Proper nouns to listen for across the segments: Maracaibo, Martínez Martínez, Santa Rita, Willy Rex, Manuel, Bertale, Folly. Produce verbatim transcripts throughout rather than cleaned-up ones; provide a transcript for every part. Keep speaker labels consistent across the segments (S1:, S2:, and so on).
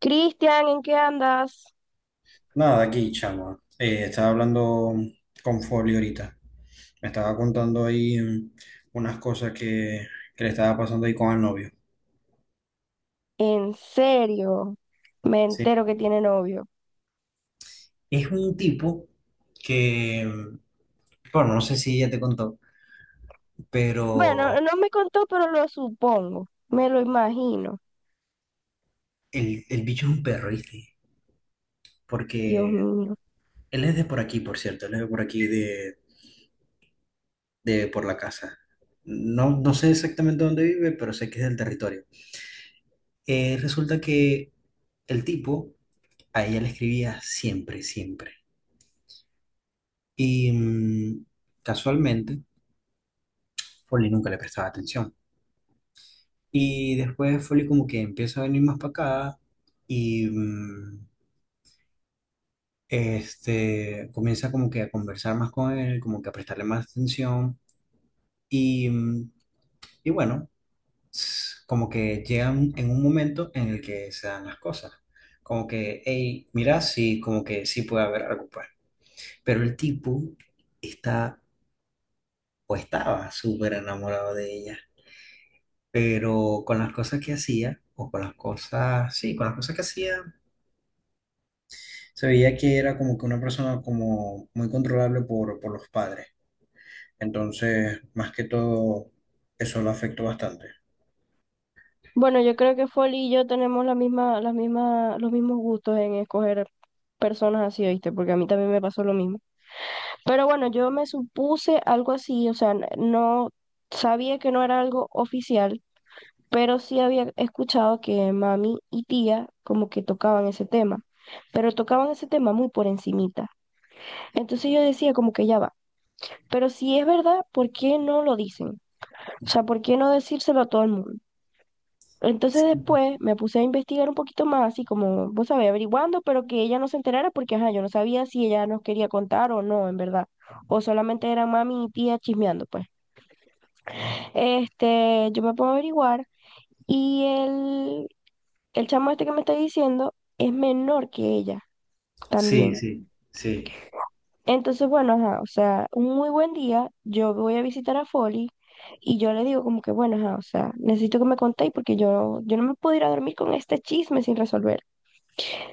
S1: Cristian, ¿en qué andas?
S2: Nada, aquí, chama. Eh, estaba hablando con Folio ahorita. Me estaba contando ahí mm, unas cosas que, que le estaba pasando ahí con el novio.
S1: En serio, me
S2: Sí.
S1: entero que tiene novio.
S2: Es un tipo que, mm, bueno, no sé si ya te contó,
S1: Bueno,
S2: pero
S1: no me contó, pero lo supongo, me lo imagino.
S2: el, el bicho es un perro, ¿viste?
S1: Dios
S2: Porque
S1: mío.
S2: él es de por aquí, por cierto. Él es de por aquí, de, de por la casa. No, no sé exactamente dónde vive, pero sé que es del territorio. Eh, resulta que el tipo a ella le escribía siempre, siempre. Y mm, casualmente, Folly nunca le prestaba atención. Y después Folly como que empieza a venir más para acá y mm, este, comienza como que a conversar más con él, como que a prestarle más atención. Y, mm, y bueno, s- como que llegan en un momento en el que se dan las cosas. Como que, hey, mira, sí, como que sí puede haber algo, pues. Pero el tipo está o estaba súper enamorado de ella, pero con las cosas que hacía, o con las cosas, sí, con las cosas que hacía, se veía que era como que una persona como muy controlable por, por los padres. Entonces, más que todo, eso lo afectó bastante.
S1: Bueno, yo creo que Folly y yo tenemos la misma, las mismas, los mismos gustos en escoger personas así, ¿oíste? Porque a mí también me pasó lo mismo. Pero bueno, yo me supuse algo así, o sea, n- no sabía que no era algo oficial, pero sí había escuchado que mami y tía como que tocaban ese tema, pero tocaban ese tema muy por encimita. Entonces yo decía como que ya va, pero si es verdad, ¿por qué no lo dicen? O sea, ¿por qué no decírselo a todo el mundo? Entonces
S2: Sí,
S1: después me puse a investigar un poquito más, así como, vos sabés, averiguando, pero que ella no se enterara porque, ajá, yo no sabía si ella nos quería contar o no, en verdad. O solamente eran mami y tía chismeando, pues. Este, yo me pongo a averiguar y el el chamo este que me está diciendo es menor que ella
S2: sí,
S1: también.
S2: sí, sí.
S1: Entonces, bueno, ajá, o sea, un muy buen día, yo voy a visitar a Folly y yo le digo como que, bueno, ajá, o sea, necesito que me contéis porque yo, yo no me puedo ir a dormir con este chisme sin resolver.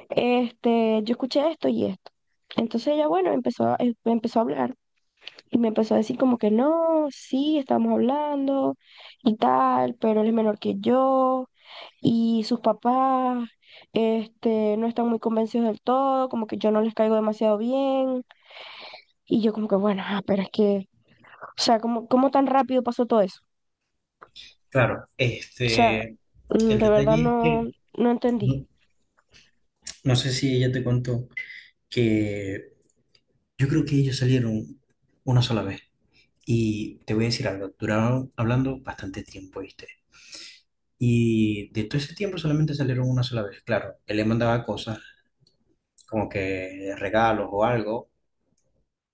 S1: Este, yo escuché esto y esto. Entonces ella, bueno, empezó, a- em- empezó a hablar. Y me empezó a decir como que no, sí, estamos hablando y tal, pero él es menor que yo y sus papás, este, no están muy convencidos del todo, como que yo no les caigo demasiado bien. Y yo como que, bueno, ah, pero es que, o sea, ¿cómo, ¿cómo tan rápido pasó todo eso?
S2: Claro.
S1: O sea,
S2: Este,
S1: mm,
S2: el
S1: de verdad
S2: detalle es
S1: no,
S2: que
S1: no entendí.
S2: no, no sé si ella te contó que yo creo que ellos salieron una sola vez. Y te voy a decir algo, duraron hablando bastante tiempo, ¿viste? Y de todo ese tiempo solamente salieron una sola vez. Claro, él le mandaba cosas como que regalos o algo.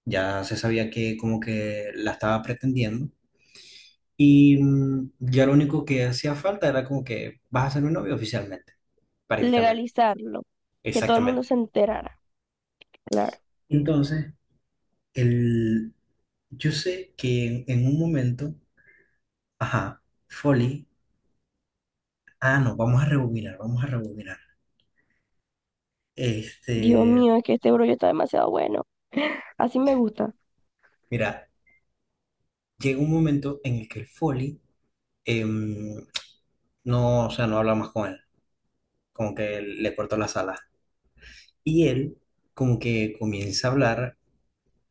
S2: Ya se sabía que como que la estaba pretendiendo. Y mm, ya lo único que hacía falta era como que vas a ser mi novio oficialmente, prácticamente,
S1: Legalizarlo, que todo el mundo
S2: exactamente.
S1: se enterara, claro.
S2: Entonces, el, yo sé que en, en un momento, ajá, Folly, ah, no, vamos a rebobinar, vamos a rebobinar.
S1: Dios
S2: Este,
S1: mío, es que este brollo está demasiado bueno. Así me gusta.
S2: Mira, llega un momento en el que el Folly no, o sea, no habla más con él, como que le cortó las alas. Y él como que comienza a hablar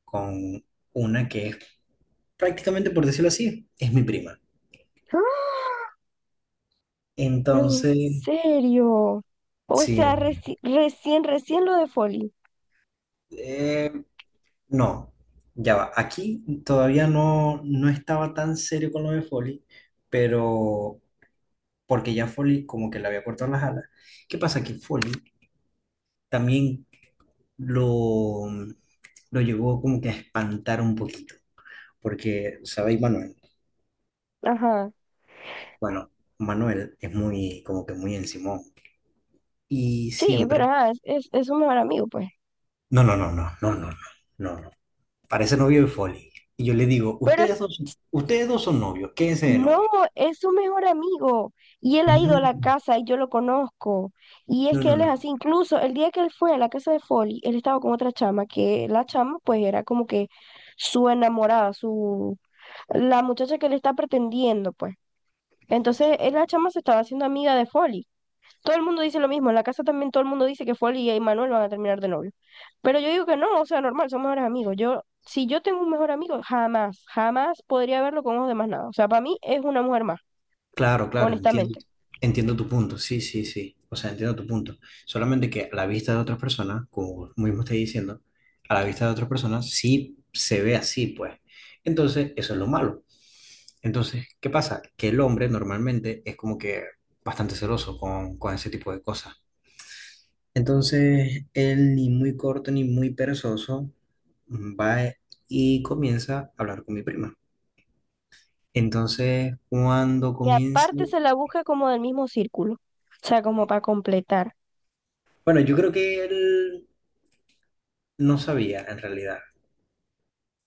S2: con una que es prácticamente, por decirlo así, es mi prima.
S1: En
S2: Entonces,
S1: serio. O sea,
S2: sí,
S1: reci- recién, recién lo de Folly.
S2: eh, no, ya va. Aquí todavía no, no estaba tan serio con lo de Foley, pero porque ya Foley como que le había cortado las alas. ¿Qué pasa? Que Foley también lo, lo llevó como que a espantar un poquito. Porque, ¿sabéis, Manuel?
S1: Ajá.
S2: Bueno, Manuel es muy, como que muy encimón. Y
S1: Sí, pero
S2: siempre.
S1: ajá, es, es, es su mejor amigo, pues.
S2: No, no, no, no, no, no, no, no, no. Parece novio de Folly. Y yo le digo,
S1: Pero
S2: ustedes
S1: s-
S2: dos, son- ustedes dos son novios, quédense de
S1: no,
S2: novios.
S1: es su mejor amigo. Y él ha ido a
S2: No,
S1: la casa y yo lo conozco. Y es
S2: no,
S1: que
S2: no,
S1: él es
S2: no.
S1: así. Incluso el día que él fue a la casa de Folly, él estaba con otra chama, que la chama, pues, era como que su enamorada, su la muchacha que le está pretendiendo, pues. Entonces, él, la chama se estaba haciendo amiga de Folly. Todo el mundo dice lo mismo, en la casa también todo el mundo dice que Folly y Manuel van a terminar de novio. Pero yo digo que no, o sea, normal, son mejores amigos. Yo, si yo tengo un mejor amigo, jamás, jamás podría verlo con ojos de más nada. O sea, para mí es una mujer más,
S2: Claro, claro, entiendo,
S1: honestamente.
S2: entiendo tu punto, sí, sí, sí, o sea, entiendo tu punto. Solamente que a la vista de otras personas, como mismo estoy diciendo, a la vista de otras personas sí se ve así, pues. Entonces, eso es lo malo. Entonces, ¿qué pasa? Que el hombre normalmente es como que bastante celoso con, con ese tipo de cosas. Entonces, él ni muy corto ni muy perezoso mm, va y comienza a hablar con mi prima. Entonces, cuando
S1: Y
S2: comienza
S1: aparte se la busca como del mismo círculo, o sea, como para completar.
S2: bueno, yo creo que él no sabía en realidad.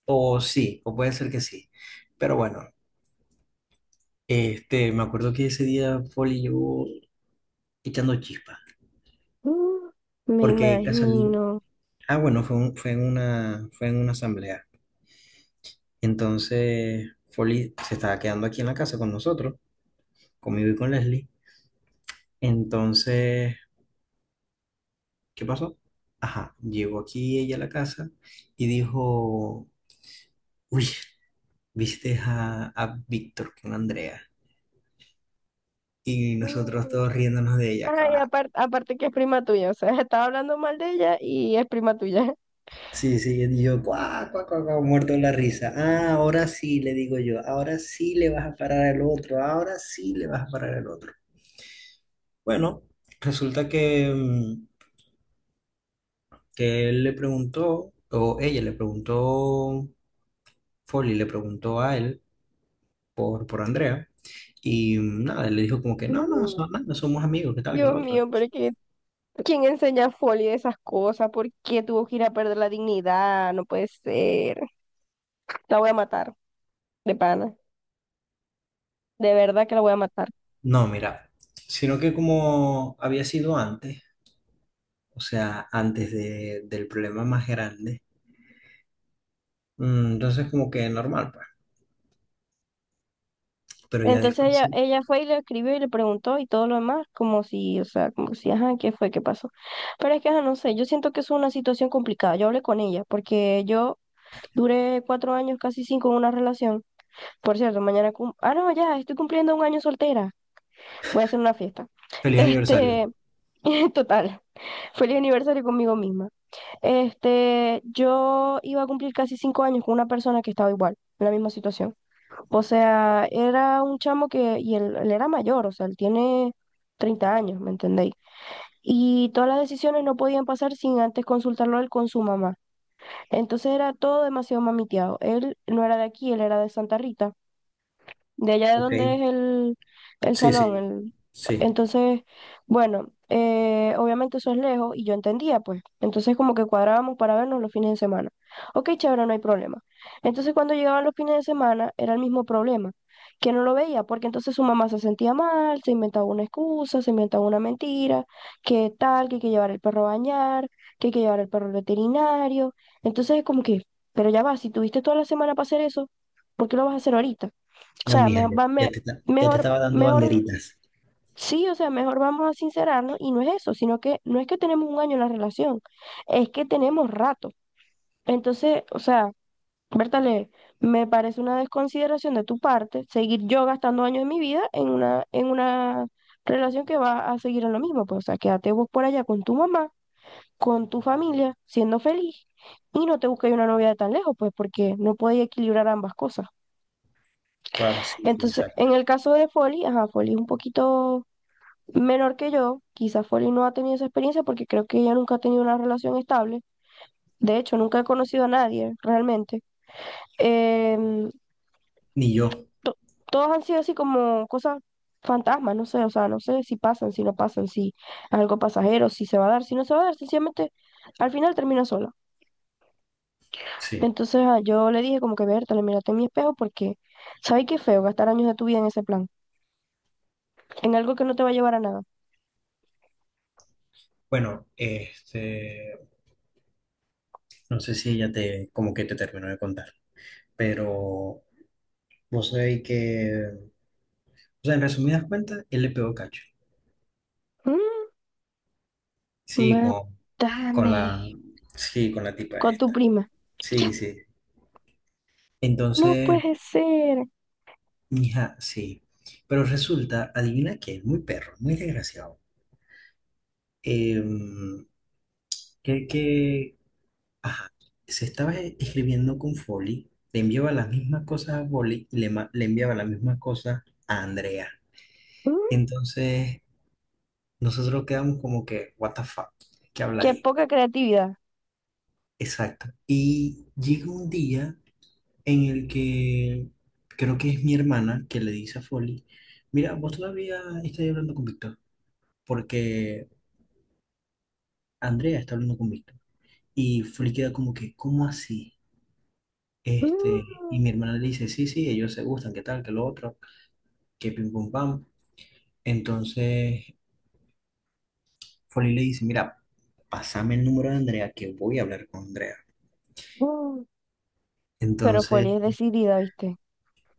S2: O sí, o puede ser que sí. Pero bueno, este, me acuerdo que ese día Folly llegó echando chispas.
S1: Mm, Me
S2: Porque casualidad.
S1: imagino.
S2: Ah, bueno, fue, un- fue en una, fue en una asamblea. Entonces, Folly se estaba quedando aquí en la casa con nosotros, conmigo y con Leslie. Entonces, ¿qué pasó? Ajá, llegó aquí ella a la casa y dijo, uy, ¿viste a, a Víctor con Andrea? Y nosotros
S1: Mm.
S2: todos riéndonos de ella,
S1: Ay,
S2: cabal.
S1: aparte, aparte que es prima tuya, o sea, estaba hablando mal de ella y es prima tuya.
S2: Sí, sí, y yo, cuá, cuá, cuá, cuá, muerto de la risa. Ah, ahora sí, le digo yo, ahora sí le vas a parar al otro, ahora sí le vas a parar al otro. Bueno, resulta que, mm, que él le preguntó, o ella le preguntó, Folly le preguntó a él por, por Andrea, y mm, nada, él le dijo como que no, no,
S1: Mm.
S2: so- nada, somos amigos, qué tal, que
S1: Dios
S2: lo otro.
S1: mío, pero es que ¿quién enseña folio de esas cosas? ¿Por qué tuvo que ir a perder la dignidad? No puede ser. La voy a matar, de pana. De verdad que la voy a matar.
S2: No, mira, sino que como había sido antes, o sea, antes de, del problema más grande. Mm, Entonces, como que normal, pues. Pero ya
S1: Entonces
S2: después
S1: ella,
S2: sí.
S1: ella fue y le escribió y le preguntó y todo lo demás, como si, o sea, como si, ajá, ¿qué fue? ¿Qué pasó? Pero es que, ajá, no sé, yo siento que es una situación complicada. Yo hablé con ella porque yo duré cuatro años, casi cinco, en una relación. Por cierto, mañana, cum- ah, no, ya, estoy cumpliendo un año soltera. Voy a hacer una fiesta.
S2: Feliz aniversario.
S1: Este, total, feliz aniversario conmigo misma. Este, yo iba a cumplir casi cinco años con una persona que estaba igual, en la misma situación. O sea, era un chamo que, y él, él era mayor, o sea, él tiene treinta años, ¿me entendéis? Y todas las decisiones no podían pasar sin antes consultarlo él con su mamá. Entonces era todo demasiado mamiteado. Él no era de aquí, él era de Santa Rita de allá de donde
S2: Ok.
S1: es el, el
S2: Sí,
S1: salón.
S2: sí,
S1: el-
S2: sí.
S1: Entonces, bueno, eh, obviamente eso es lejos y yo entendía, pues. Entonces como que cuadrábamos para vernos los fines de semana. Ok, chévere, no hay problema. Entonces cuando llegaban los fines de semana era el mismo problema, que no lo veía, porque entonces su mamá se sentía mal, se inventaba una excusa, se inventaba una mentira, que tal, que hay que llevar el perro a bañar, que hay que llevar el perro al veterinario. Entonces es como que, pero ya va, si tuviste toda la semana para hacer eso, ¿por qué lo vas a hacer ahorita? O
S2: No,
S1: sea,
S2: mija,
S1: me,
S2: ya,
S1: va- me-
S2: ya te, ta- ya te
S1: mejor,
S2: estaba dando
S1: mejor,
S2: banderitas.
S1: sí, o sea, mejor vamos a sincerarnos y no es eso, sino que no es que tenemos un año en la relación, es que tenemos rato. Entonces, o sea, Bertale, me parece una desconsideración de tu parte seguir yo gastando años de mi vida en una, en una relación que va a seguir en lo mismo. Pues, o sea, quédate vos por allá con tu mamá, con tu familia, siendo feliz. Y no te busques una novia de tan lejos, pues, porque no podéis equilibrar ambas cosas.
S2: Claro, sí, sí,
S1: Entonces,
S2: exacto.
S1: en el caso de Folly, ajá, Folly es un poquito menor que yo, quizá Folly no ha tenido esa experiencia porque creo que ella nunca ha tenido una relación estable. De hecho, nunca he conocido a nadie realmente. Em,
S2: Ni yo,
S1: to- todos han sido así como cosas fantasmas, no sé, o sea, no sé si pasan, si no pasan, si es algo pasajero, si se va a dar, si no se va a dar, sencillamente al final termina sola.
S2: sí.
S1: Entonces ah, yo le dije como que, Berta, le mírate en mi espejo porque, ¿sabes qué feo gastar años de tu vida en ese plan? En algo que no te va a llevar a nada.
S2: Bueno, este, no sé si ella te, como que te terminó de contar, pero vos sabéis que, o sea, en resumidas cuentas, él le pegó cacho.
S1: Mm,
S2: Sí, con, con
S1: mátame
S2: la, sí, con la tipa
S1: con tu
S2: esta.
S1: prima.
S2: Sí, sí.
S1: No
S2: Entonces,
S1: puede ser.
S2: mija, sí. Pero resulta, adivina que es muy perro, muy desgraciado. Em, que, que, ajá, se estaba e- escribiendo con Foley, le enviaba las mismas cosas a Foley y le, ma- le enviaba las mismas cosas a Andrea.
S1: Mm,
S2: Entonces, nosotros quedamos como que, what the fuck, ¿qué habla
S1: qué
S2: ahí?
S1: poca creatividad.
S2: Exacto. Y llega un día en el que creo que es mi hermana que le dice a Foley, mira, vos todavía estás hablando con Víctor porque Andrea está hablando con Víctor. Y Flip queda como que, ¿cómo así? Este, y
S1: Mm,
S2: mi hermana le dice, sí, sí, ellos se gustan, qué tal, qué lo otro, que pim pum pam. Entonces, Foley le dice, mira, pásame el número de Andrea, que voy a hablar con Andrea.
S1: mm. Pero
S2: Entonces,
S1: Foley es decidida, ¿viste?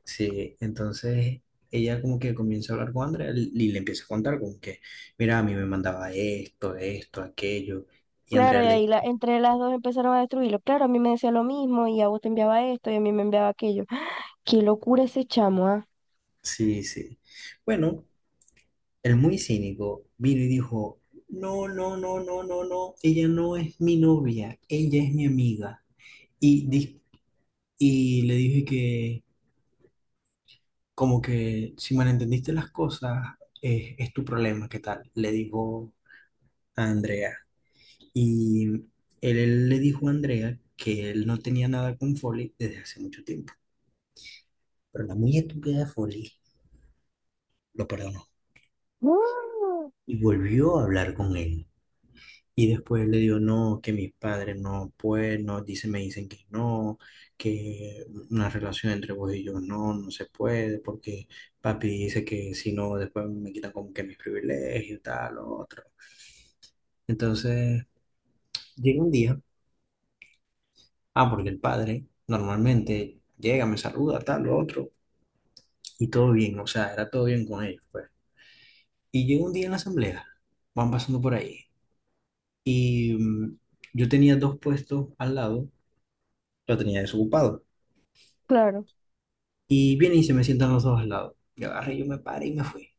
S2: sí, entonces ella como que comienza a hablar con Andrea y y le empieza a contar como que, mira, a mí me mandaba esto, esto, aquello. Y
S1: Claro,
S2: Andrea
S1: y
S2: le,
S1: ahí la, entre las dos empezaron a destruirlo. Claro, a mí me decía lo mismo y a vos te enviaba esto y a mí me enviaba aquello. ¡Ah! Qué locura ese chamo, ¿ah?
S2: sí, sí. Bueno, el muy cínico vino y dijo, no, no, no, no, no, no, ella no es mi novia, ella es mi amiga. Y, dis- y le dije que, como que si malentendiste las cosas, es, es tu problema, ¿qué tal? Le dijo a Andrea. Y él, él le dijo a Andrea que él no tenía nada con Foley desde hace mucho tiempo. Pero la muy estúpida de Foley lo perdonó
S1: Mm,
S2: y volvió a hablar con él. Y después le digo, no, que mis padres no pueden, no, dice me dicen que no, que una relación entre vos y yo no, no se puede, porque papi dice que si no, después me quitan como que mis privilegios, tal, lo otro. Entonces, llega un día, ah, porque el padre normalmente llega, me saluda, tal, lo otro, y todo bien, o sea, era todo bien con ellos, pues. Y llega un día en la asamblea, van pasando por ahí, y mm, yo tenía dos puestos al lado, lo tenía desocupado.
S1: claro.
S2: Y viene y se me sientan los dos al lado. Y agarré, yo me paré y me fui.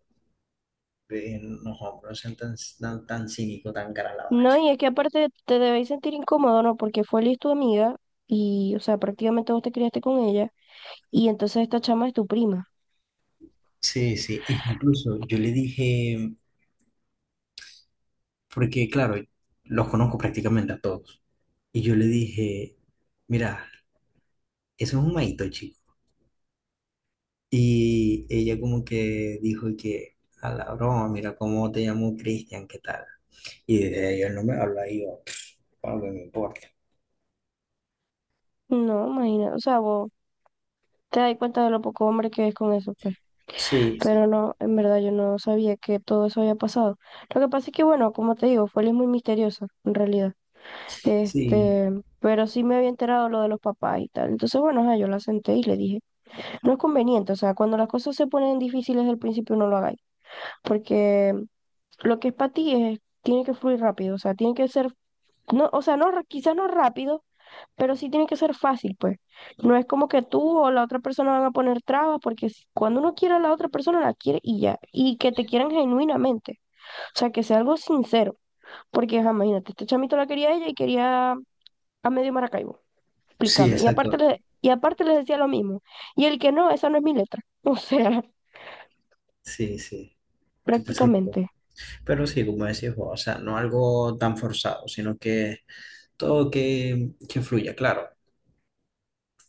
S2: Eh, no, hombre, no sean tan, tan, tan cínico, tan cara la
S1: No,
S2: bacha.
S1: y es que aparte te debéis sentir incómodo, ¿no? Porque Foley es tu amiga y, o sea, prácticamente vos te criaste con ella y entonces esta chama es tu prima.
S2: Sí, sí, e incluso yo le dije, porque claro, los conozco prácticamente a todos, y yo le dije, mira, eso es un maito, chico. Y ella como que dijo que, a la broma, mira cómo te llamo Cristian, ¿qué tal? Y desde ahí él no me habla, y yo, "Ah, no me importa".
S1: No, imagina, o sea, vos te das cuenta de lo poco hombre que es con eso, pues.
S2: Sí,
S1: Pero
S2: sí,
S1: no, en verdad yo no sabía que todo eso había pasado. Lo que pasa es que, bueno, como te digo, fue muy misteriosa, en realidad.
S2: sí,
S1: Este, pero sí me había enterado lo de los papás y tal. Entonces, bueno, ajá, yo la senté y le dije, no es conveniente, o sea, cuando las cosas se ponen difíciles al principio no lo hagáis, porque lo que es para ti es, tiene que fluir rápido, o sea, tiene que ser, no, o sea, no, ra- quizás no rápido, pero sí tiene que ser fácil, pues. No es como que tú o la otra persona van a poner trabas, porque si- cuando uno quiere a la otra persona, la quiere y ya. Y que te quieran genuinamente. O sea, que sea algo sincero. Porque, ajá, imagínate, este chamito la quería a ella y quería a medio Maracaibo.
S2: sí,
S1: Explícame. Y aparte
S2: exacto,
S1: le, y aparte les decía lo mismo. Y el que no, esa no es mi letra. O sea,
S2: sí, sí. Tú, pues, algo.
S1: prácticamente.
S2: Pero sí, como decís vos, o sea, no algo tan forzado, sino que todo que, que fluya, claro.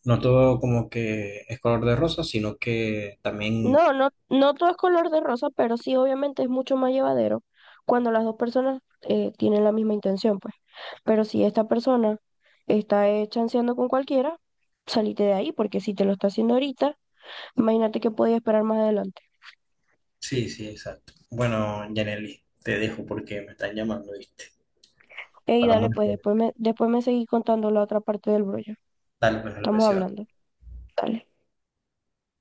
S2: No todo como que es color de rosa, sino que también...
S1: No, no, no todo es color de rosa, pero sí, obviamente es mucho más llevadero cuando las dos personas eh, tienen la misma intención, pues. Pero si esta persona está eh, chanceando con cualquiera, salite de ahí, porque si te lo está haciendo ahorita, imagínate que podía esperar más adelante.
S2: Sí, sí, exacto. Bueno, Yaneli, te dejo porque me están llamando, ¿viste?
S1: Ey, dale,
S2: Hablamos
S1: pues
S2: después.
S1: después me, después me seguí contando la otra parte del brollo.
S2: Dale, pues, a la
S1: Estamos
S2: próxima.
S1: hablando. Dale.